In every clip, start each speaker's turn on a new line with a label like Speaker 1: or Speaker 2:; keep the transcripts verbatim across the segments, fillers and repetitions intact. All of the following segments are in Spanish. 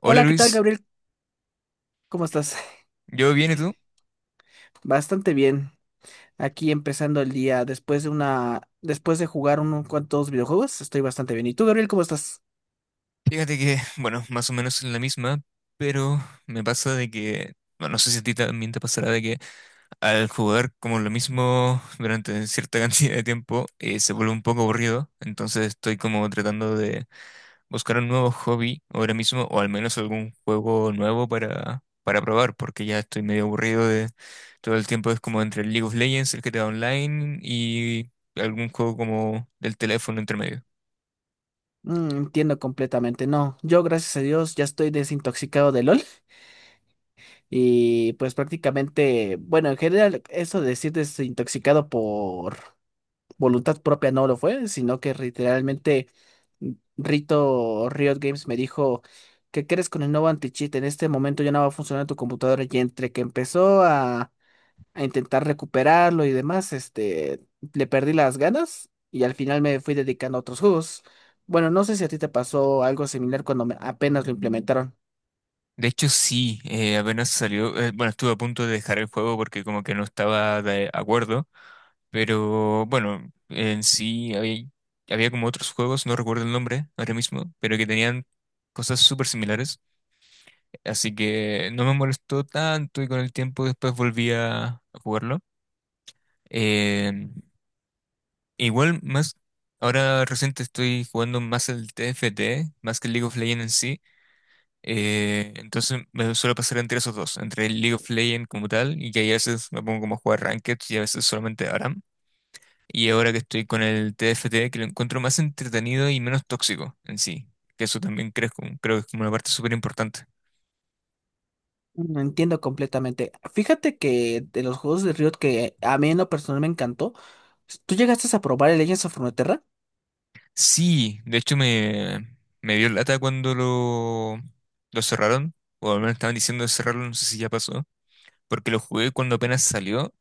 Speaker 1: Hola
Speaker 2: Hola, ¿qué tal,
Speaker 1: Luis.
Speaker 2: Gabriel? ¿Cómo estás?
Speaker 1: ¿Yo bien y tú?
Speaker 2: Bastante bien. Aquí empezando el día después de una, después de jugar unos cuantos videojuegos, estoy bastante bien. ¿Y tú, Gabriel, cómo estás?
Speaker 1: Fíjate que, bueno, más o menos en la misma, pero me pasa de que, bueno, no sé si a ti también te pasará de que al jugar como lo mismo durante cierta cantidad de tiempo eh, se vuelve un poco aburrido, entonces estoy como tratando de buscar un nuevo hobby ahora mismo o al menos algún juego nuevo para, para, probar, porque ya estoy medio aburrido de todo el tiempo, es como entre el League of Legends, el G T A Online y algún juego como del teléfono entre medio.
Speaker 2: Mm, entiendo completamente. No, yo gracias a Dios ya estoy desintoxicado de LOL y pues prácticamente, bueno, en general eso de decir desintoxicado por voluntad propia no lo fue, sino que literalmente Rito Riot Games me dijo, ¿qué crees con el nuevo anti-cheat? En este momento ya no va a funcionar tu computadora y entre que empezó a, a intentar recuperarlo y demás, este, le perdí las ganas y al final me fui dedicando a otros juegos. Bueno, no sé si a ti te pasó algo similar cuando me- apenas lo implementaron.
Speaker 1: De hecho, sí, eh, apenas salió, eh, bueno, estuve a punto de dejar el juego porque como que no estaba de acuerdo, pero bueno, en sí había, había, como otros juegos, no recuerdo el nombre ahora mismo, pero que tenían cosas súper similares, así que no me molestó tanto y con el tiempo después volví a, a jugarlo. Eh, Igual más, ahora reciente estoy jugando más el T F T, más que el League of Legends en sí. Eh, entonces me suele pasar entre esos dos, entre el League of Legends como tal, y que ahí a veces me pongo como a jugar Ranked y a veces solamente ARAM. Y ahora que estoy con el T F T, que lo encuentro más entretenido y menos tóxico en sí, que eso también creo, creo que es como una parte súper importante.
Speaker 2: No entiendo completamente. Fíjate que de los juegos de Riot que a mí en lo personal me encantó, ¿tú llegaste a probar el Legends of Runeterra?
Speaker 1: Sí, de hecho me, me, dio lata cuando lo, lo cerraron, o al menos estaban diciendo de cerrarlo, no sé si ya pasó, porque lo jugué cuando apenas salió.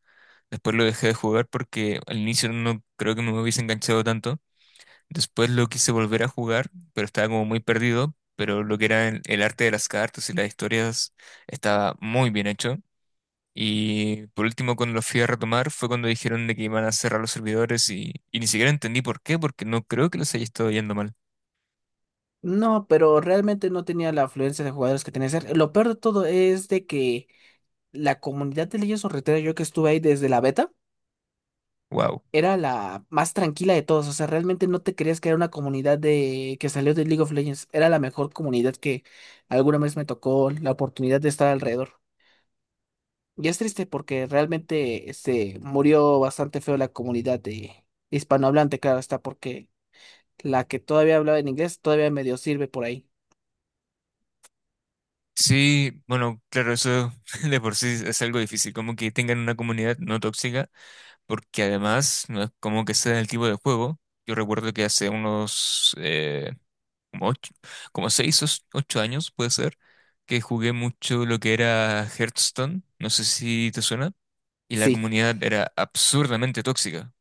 Speaker 1: Después lo dejé de jugar porque al inicio no creo que me hubiese enganchado tanto. Después lo quise volver a jugar, pero estaba como muy perdido. Pero lo que era el, el, arte de las cartas y las historias estaba muy bien hecho. Y por último, cuando lo fui a retomar, fue cuando dijeron de que iban a cerrar los servidores y, y ni siquiera entendí por qué, porque no creo que los haya estado yendo mal.
Speaker 2: No, pero realmente no tenía la afluencia de jugadores que tenía que ser. Lo peor de todo es de que la comunidad de Legends of Runeterra, yo que estuve ahí desde la beta,
Speaker 1: Wow.
Speaker 2: era la más tranquila de todos. O sea, realmente no te creías que era una comunidad de que salió de League of Legends. Era la mejor comunidad que alguna vez me tocó la oportunidad de estar alrededor. Y es triste porque realmente se murió bastante feo la comunidad de hispanohablante, claro está, porque la que todavía hablaba en inglés todavía medio sirve por ahí.
Speaker 1: Sí, bueno, claro, eso de por sí es algo difícil, como que tengan una comunidad no tóxica, porque además no es como que sea el tipo de juego. Yo recuerdo que hace unos eh, como ocho, como seis o ocho años, puede ser, que jugué mucho lo que era Hearthstone, no sé si te suena, y la
Speaker 2: Sí.
Speaker 1: comunidad era absurdamente tóxica,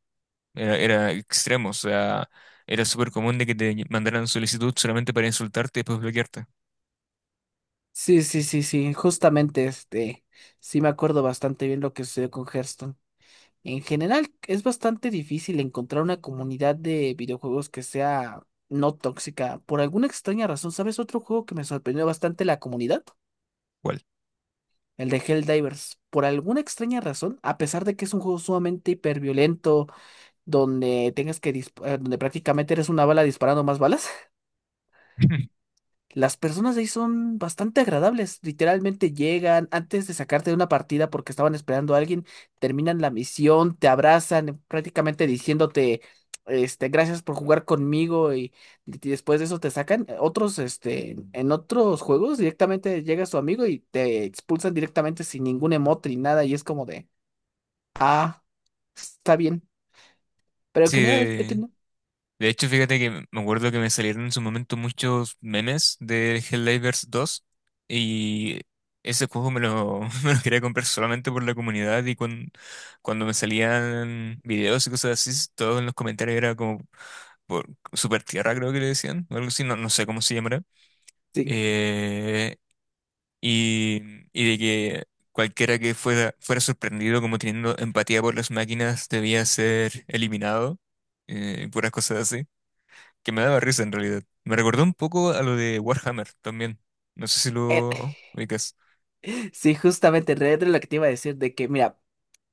Speaker 1: era, era, extremo, o sea, era súper común de que te mandaran solicitud solamente para insultarte y después bloquearte.
Speaker 2: Sí, sí, sí, sí, justamente este, sí me acuerdo bastante bien lo que sucedió con Hearthstone. En general, es bastante difícil encontrar una comunidad de videojuegos que sea no tóxica. Por alguna extraña razón, ¿sabes otro juego que me sorprendió bastante la comunidad?
Speaker 1: ¿Cuál?
Speaker 2: El de Helldivers. Por alguna extraña razón, a pesar de que es un juego sumamente hiperviolento, donde tengas que disp- eh, donde prácticamente eres una bala disparando más balas. Las personas de ahí son bastante agradables. Literalmente llegan antes de sacarte de una partida porque estaban esperando a alguien, terminan la misión, te abrazan, prácticamente diciéndote, este, gracias por jugar conmigo y, y después de eso te sacan. Eh, Otros, este, en otros juegos directamente llega su amigo y te expulsan directamente sin ningún emote ni nada y es como de, ah, está bien. Pero en
Speaker 1: Sí,
Speaker 2: general he tenido-
Speaker 1: de hecho, fíjate que me acuerdo que me salieron en su momento muchos memes de Helldivers dos y ese juego me lo, me lo quería comprar solamente por la comunidad y cuando, cuando, me salían videos y cosas así, todos en los comentarios era como por Super Tierra, creo que le decían, o algo así, no, no sé cómo se llamará.
Speaker 2: Sí.
Speaker 1: Eh, y, y, de que cualquiera que fuera, fuera sorprendido como teniendo empatía por las máquinas debía ser eliminado, eh, y puras cosas así que me daba risa en realidad. Me recordó un poco a lo de Warhammer también. No sé si lo ubicas.
Speaker 2: Sí, justamente, Red Dead, lo que te iba a decir de que, mira,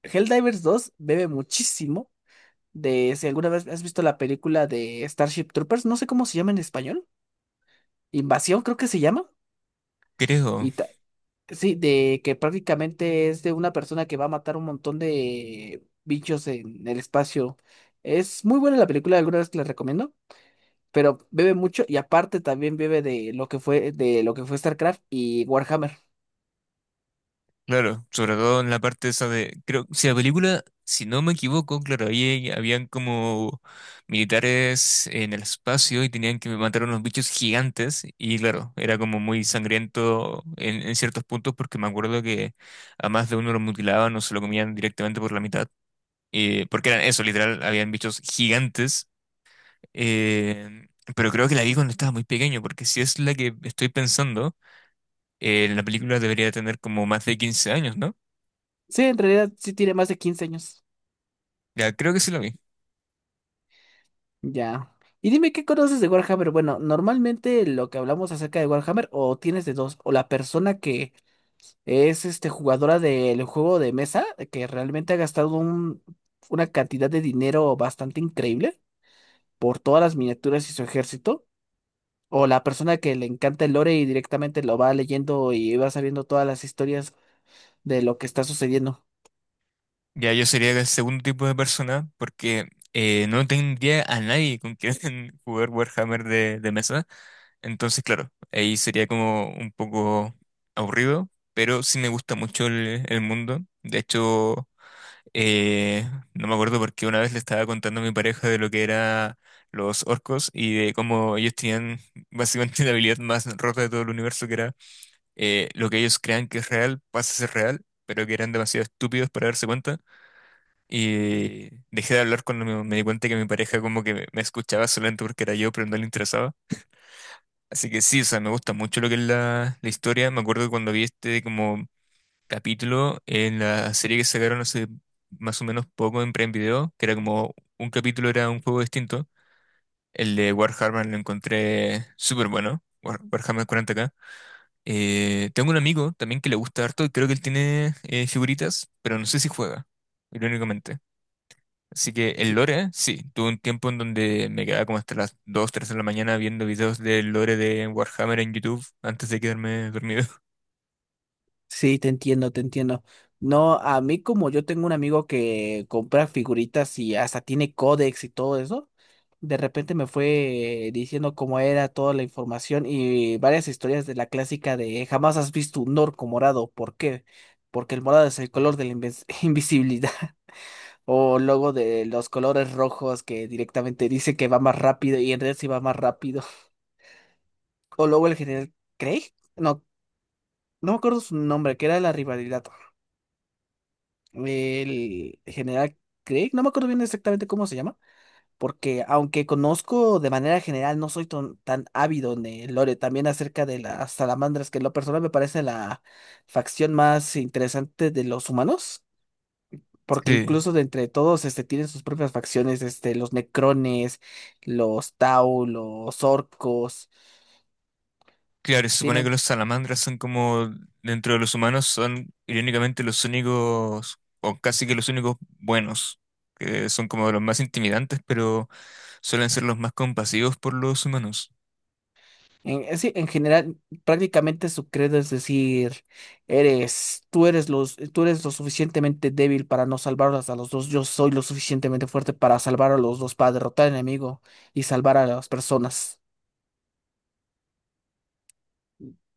Speaker 2: Helldivers dos bebe muchísimo de, si alguna vez has visto la película de Starship Troopers, no sé cómo se llama en español. Invasión creo que se llama,
Speaker 1: Creo.
Speaker 2: y ta- sí, de que prácticamente es de una persona que va a matar un montón de bichos en el espacio. Es muy buena la película, alguna vez que la recomiendo, pero bebe mucho y aparte también bebe de lo que fue, de lo que fue StarCraft y Warhammer.
Speaker 1: Claro, sobre todo en la parte esa de, creo, si la película, si no me equivoco, claro, ahí habían como militares en el espacio y tenían que matar a unos bichos gigantes y claro, era como muy sangriento en, en ciertos puntos, porque me acuerdo que a más de uno lo mutilaban o se lo comían directamente por la mitad, eh, porque eran eso, literal, habían bichos gigantes. Eh, pero creo que la vi cuando estaba muy pequeño, porque si es la que estoy pensando, eh, la película debería tener como más de quince años, ¿no?
Speaker 2: Sí, en realidad sí tiene más de quince años.
Speaker 1: Ya creo que sí la vi.
Speaker 2: Ya. Y dime, ¿qué conoces de Warhammer? Bueno, normalmente lo que hablamos acerca de Warhammer, o tienes de dos, o la persona que es este jugadora del juego de mesa, que realmente ha gastado un- una cantidad de dinero bastante increíble por todas las miniaturas y su ejército, o la persona que le encanta el lore y directamente lo va leyendo y va sabiendo todas las historias de lo que está sucediendo.
Speaker 1: Ya yo sería el segundo tipo de persona, porque eh, no tendría a nadie con quien jugar Warhammer de, de, mesa. Entonces, claro, ahí sería como un poco aburrido, pero sí me gusta mucho el, el mundo. De hecho. Eh, no me acuerdo, porque una vez le estaba contando a mi pareja de lo que eran los orcos y de cómo ellos tenían básicamente la habilidad más rota de todo el universo, que era eh, lo que ellos crean que es real, pasa a ser real, pero que eran demasiado estúpidos para darse cuenta. Y dejé de hablar cuando me, me di cuenta que mi pareja como que me, me escuchaba solamente porque era yo, pero no le interesaba. Así que sí, o sea, me gusta mucho lo que es la, la historia. Me acuerdo cuando vi este como capítulo en la serie que sacaron hace más o menos poco en Prime Video, que era como un capítulo era un juego distinto. El de Warhammer lo encontré súper bueno, War- Warhammer cuarenta K. Eh, tengo un amigo también que le gusta harto y creo que él tiene eh, figuritas, pero no sé si juega, irónicamente. Así que el lore, sí, tuve un tiempo en donde me quedaba como hasta las dos tres de la mañana viendo videos del lore de Warhammer en YouTube antes de quedarme dormido.
Speaker 2: Sí, te entiendo, te entiendo. No, a mí como yo tengo un amigo que compra figuritas y hasta tiene códex y todo eso, de repente me fue diciendo cómo era toda la información y varias historias de la clásica de jamás has visto un orco morado. ¿Por qué? Porque el morado es el color de la invis- invisibilidad, o luego de los colores rojos que directamente dice que va más rápido y en realidad sí va más rápido. O luego el general Craig, no, no me acuerdo su nombre, que era la rivalidad. El general Craig, no me acuerdo bien exactamente cómo se llama, porque aunque conozco de manera general, no soy ton- tan ávido en el lore, también acerca de las salamandras, que en lo personal me parece la facción más interesante de los humanos. Porque
Speaker 1: Sí.
Speaker 2: incluso de entre todos este, tienen sus propias facciones, este, los necrones, los tau, los orcos,
Speaker 1: Claro, se supone que
Speaker 2: tienen.
Speaker 1: los salamandras son como, dentro de los humanos, son irónicamente los únicos, o casi que los únicos buenos, que son como de los más intimidantes, pero suelen ser los más compasivos por los humanos.
Speaker 2: En, en sí, en general, prácticamente su credo es decir, eres, tú eres los, tú eres lo suficientemente débil para no salvarlos a los dos, yo soy lo suficientemente fuerte para salvar a los dos, para derrotar al enemigo y salvar a las personas.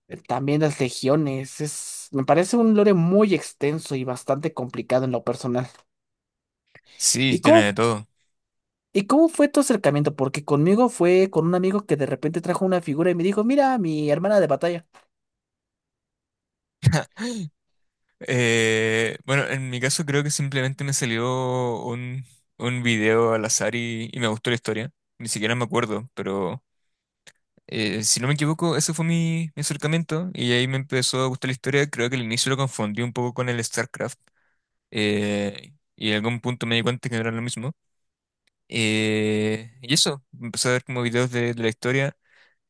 Speaker 2: Eh, También las legiones, es, me parece un lore muy extenso y bastante complicado en lo personal.
Speaker 1: Sí,
Speaker 2: ¿Y
Speaker 1: tiene
Speaker 2: cómo,
Speaker 1: de todo.
Speaker 2: y cómo fue tu acercamiento? Porque conmigo fue con un amigo que de repente trajo una figura y me dijo, mira, mi hermana de batalla.
Speaker 1: Eh, bueno, en mi caso creo que simplemente me salió un, un, video al azar y, y me gustó la historia. Ni siquiera me acuerdo, pero eh, si no me equivoco, ese fue mi, mi acercamiento y ahí me empezó a gustar la historia. Creo que al inicio lo confundí un poco con el StarCraft, eh, y en algún punto me di cuenta que no era lo mismo. Eh, y eso, empecé a ver como videos de, de, la historia.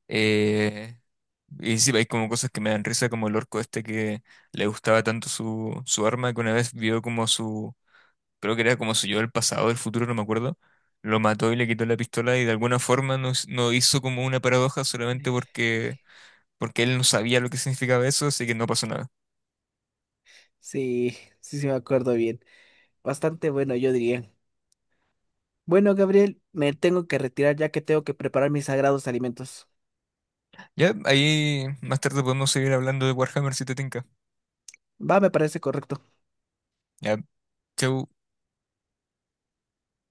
Speaker 1: eh, y sí, hay como cosas que me dan risa, como el orco este que le gustaba tanto su, su arma, que una vez vio como su, creo que era como su yo del pasado, del futuro, no me acuerdo. Lo mató y le quitó la pistola y de alguna forma no, s- no hizo como una paradoja solamente porque, porque, él no sabía lo que significaba eso, así que no pasó nada.
Speaker 2: Sí, sí, sí me acuerdo bien. Bastante bueno, yo diría. Bueno, Gabriel, me tengo que retirar ya que tengo que preparar mis sagrados alimentos.
Speaker 1: Ya, ahí más tarde podemos seguir hablando de Warhammer si te tinca.
Speaker 2: Va, me parece correcto.
Speaker 1: Ya, chau.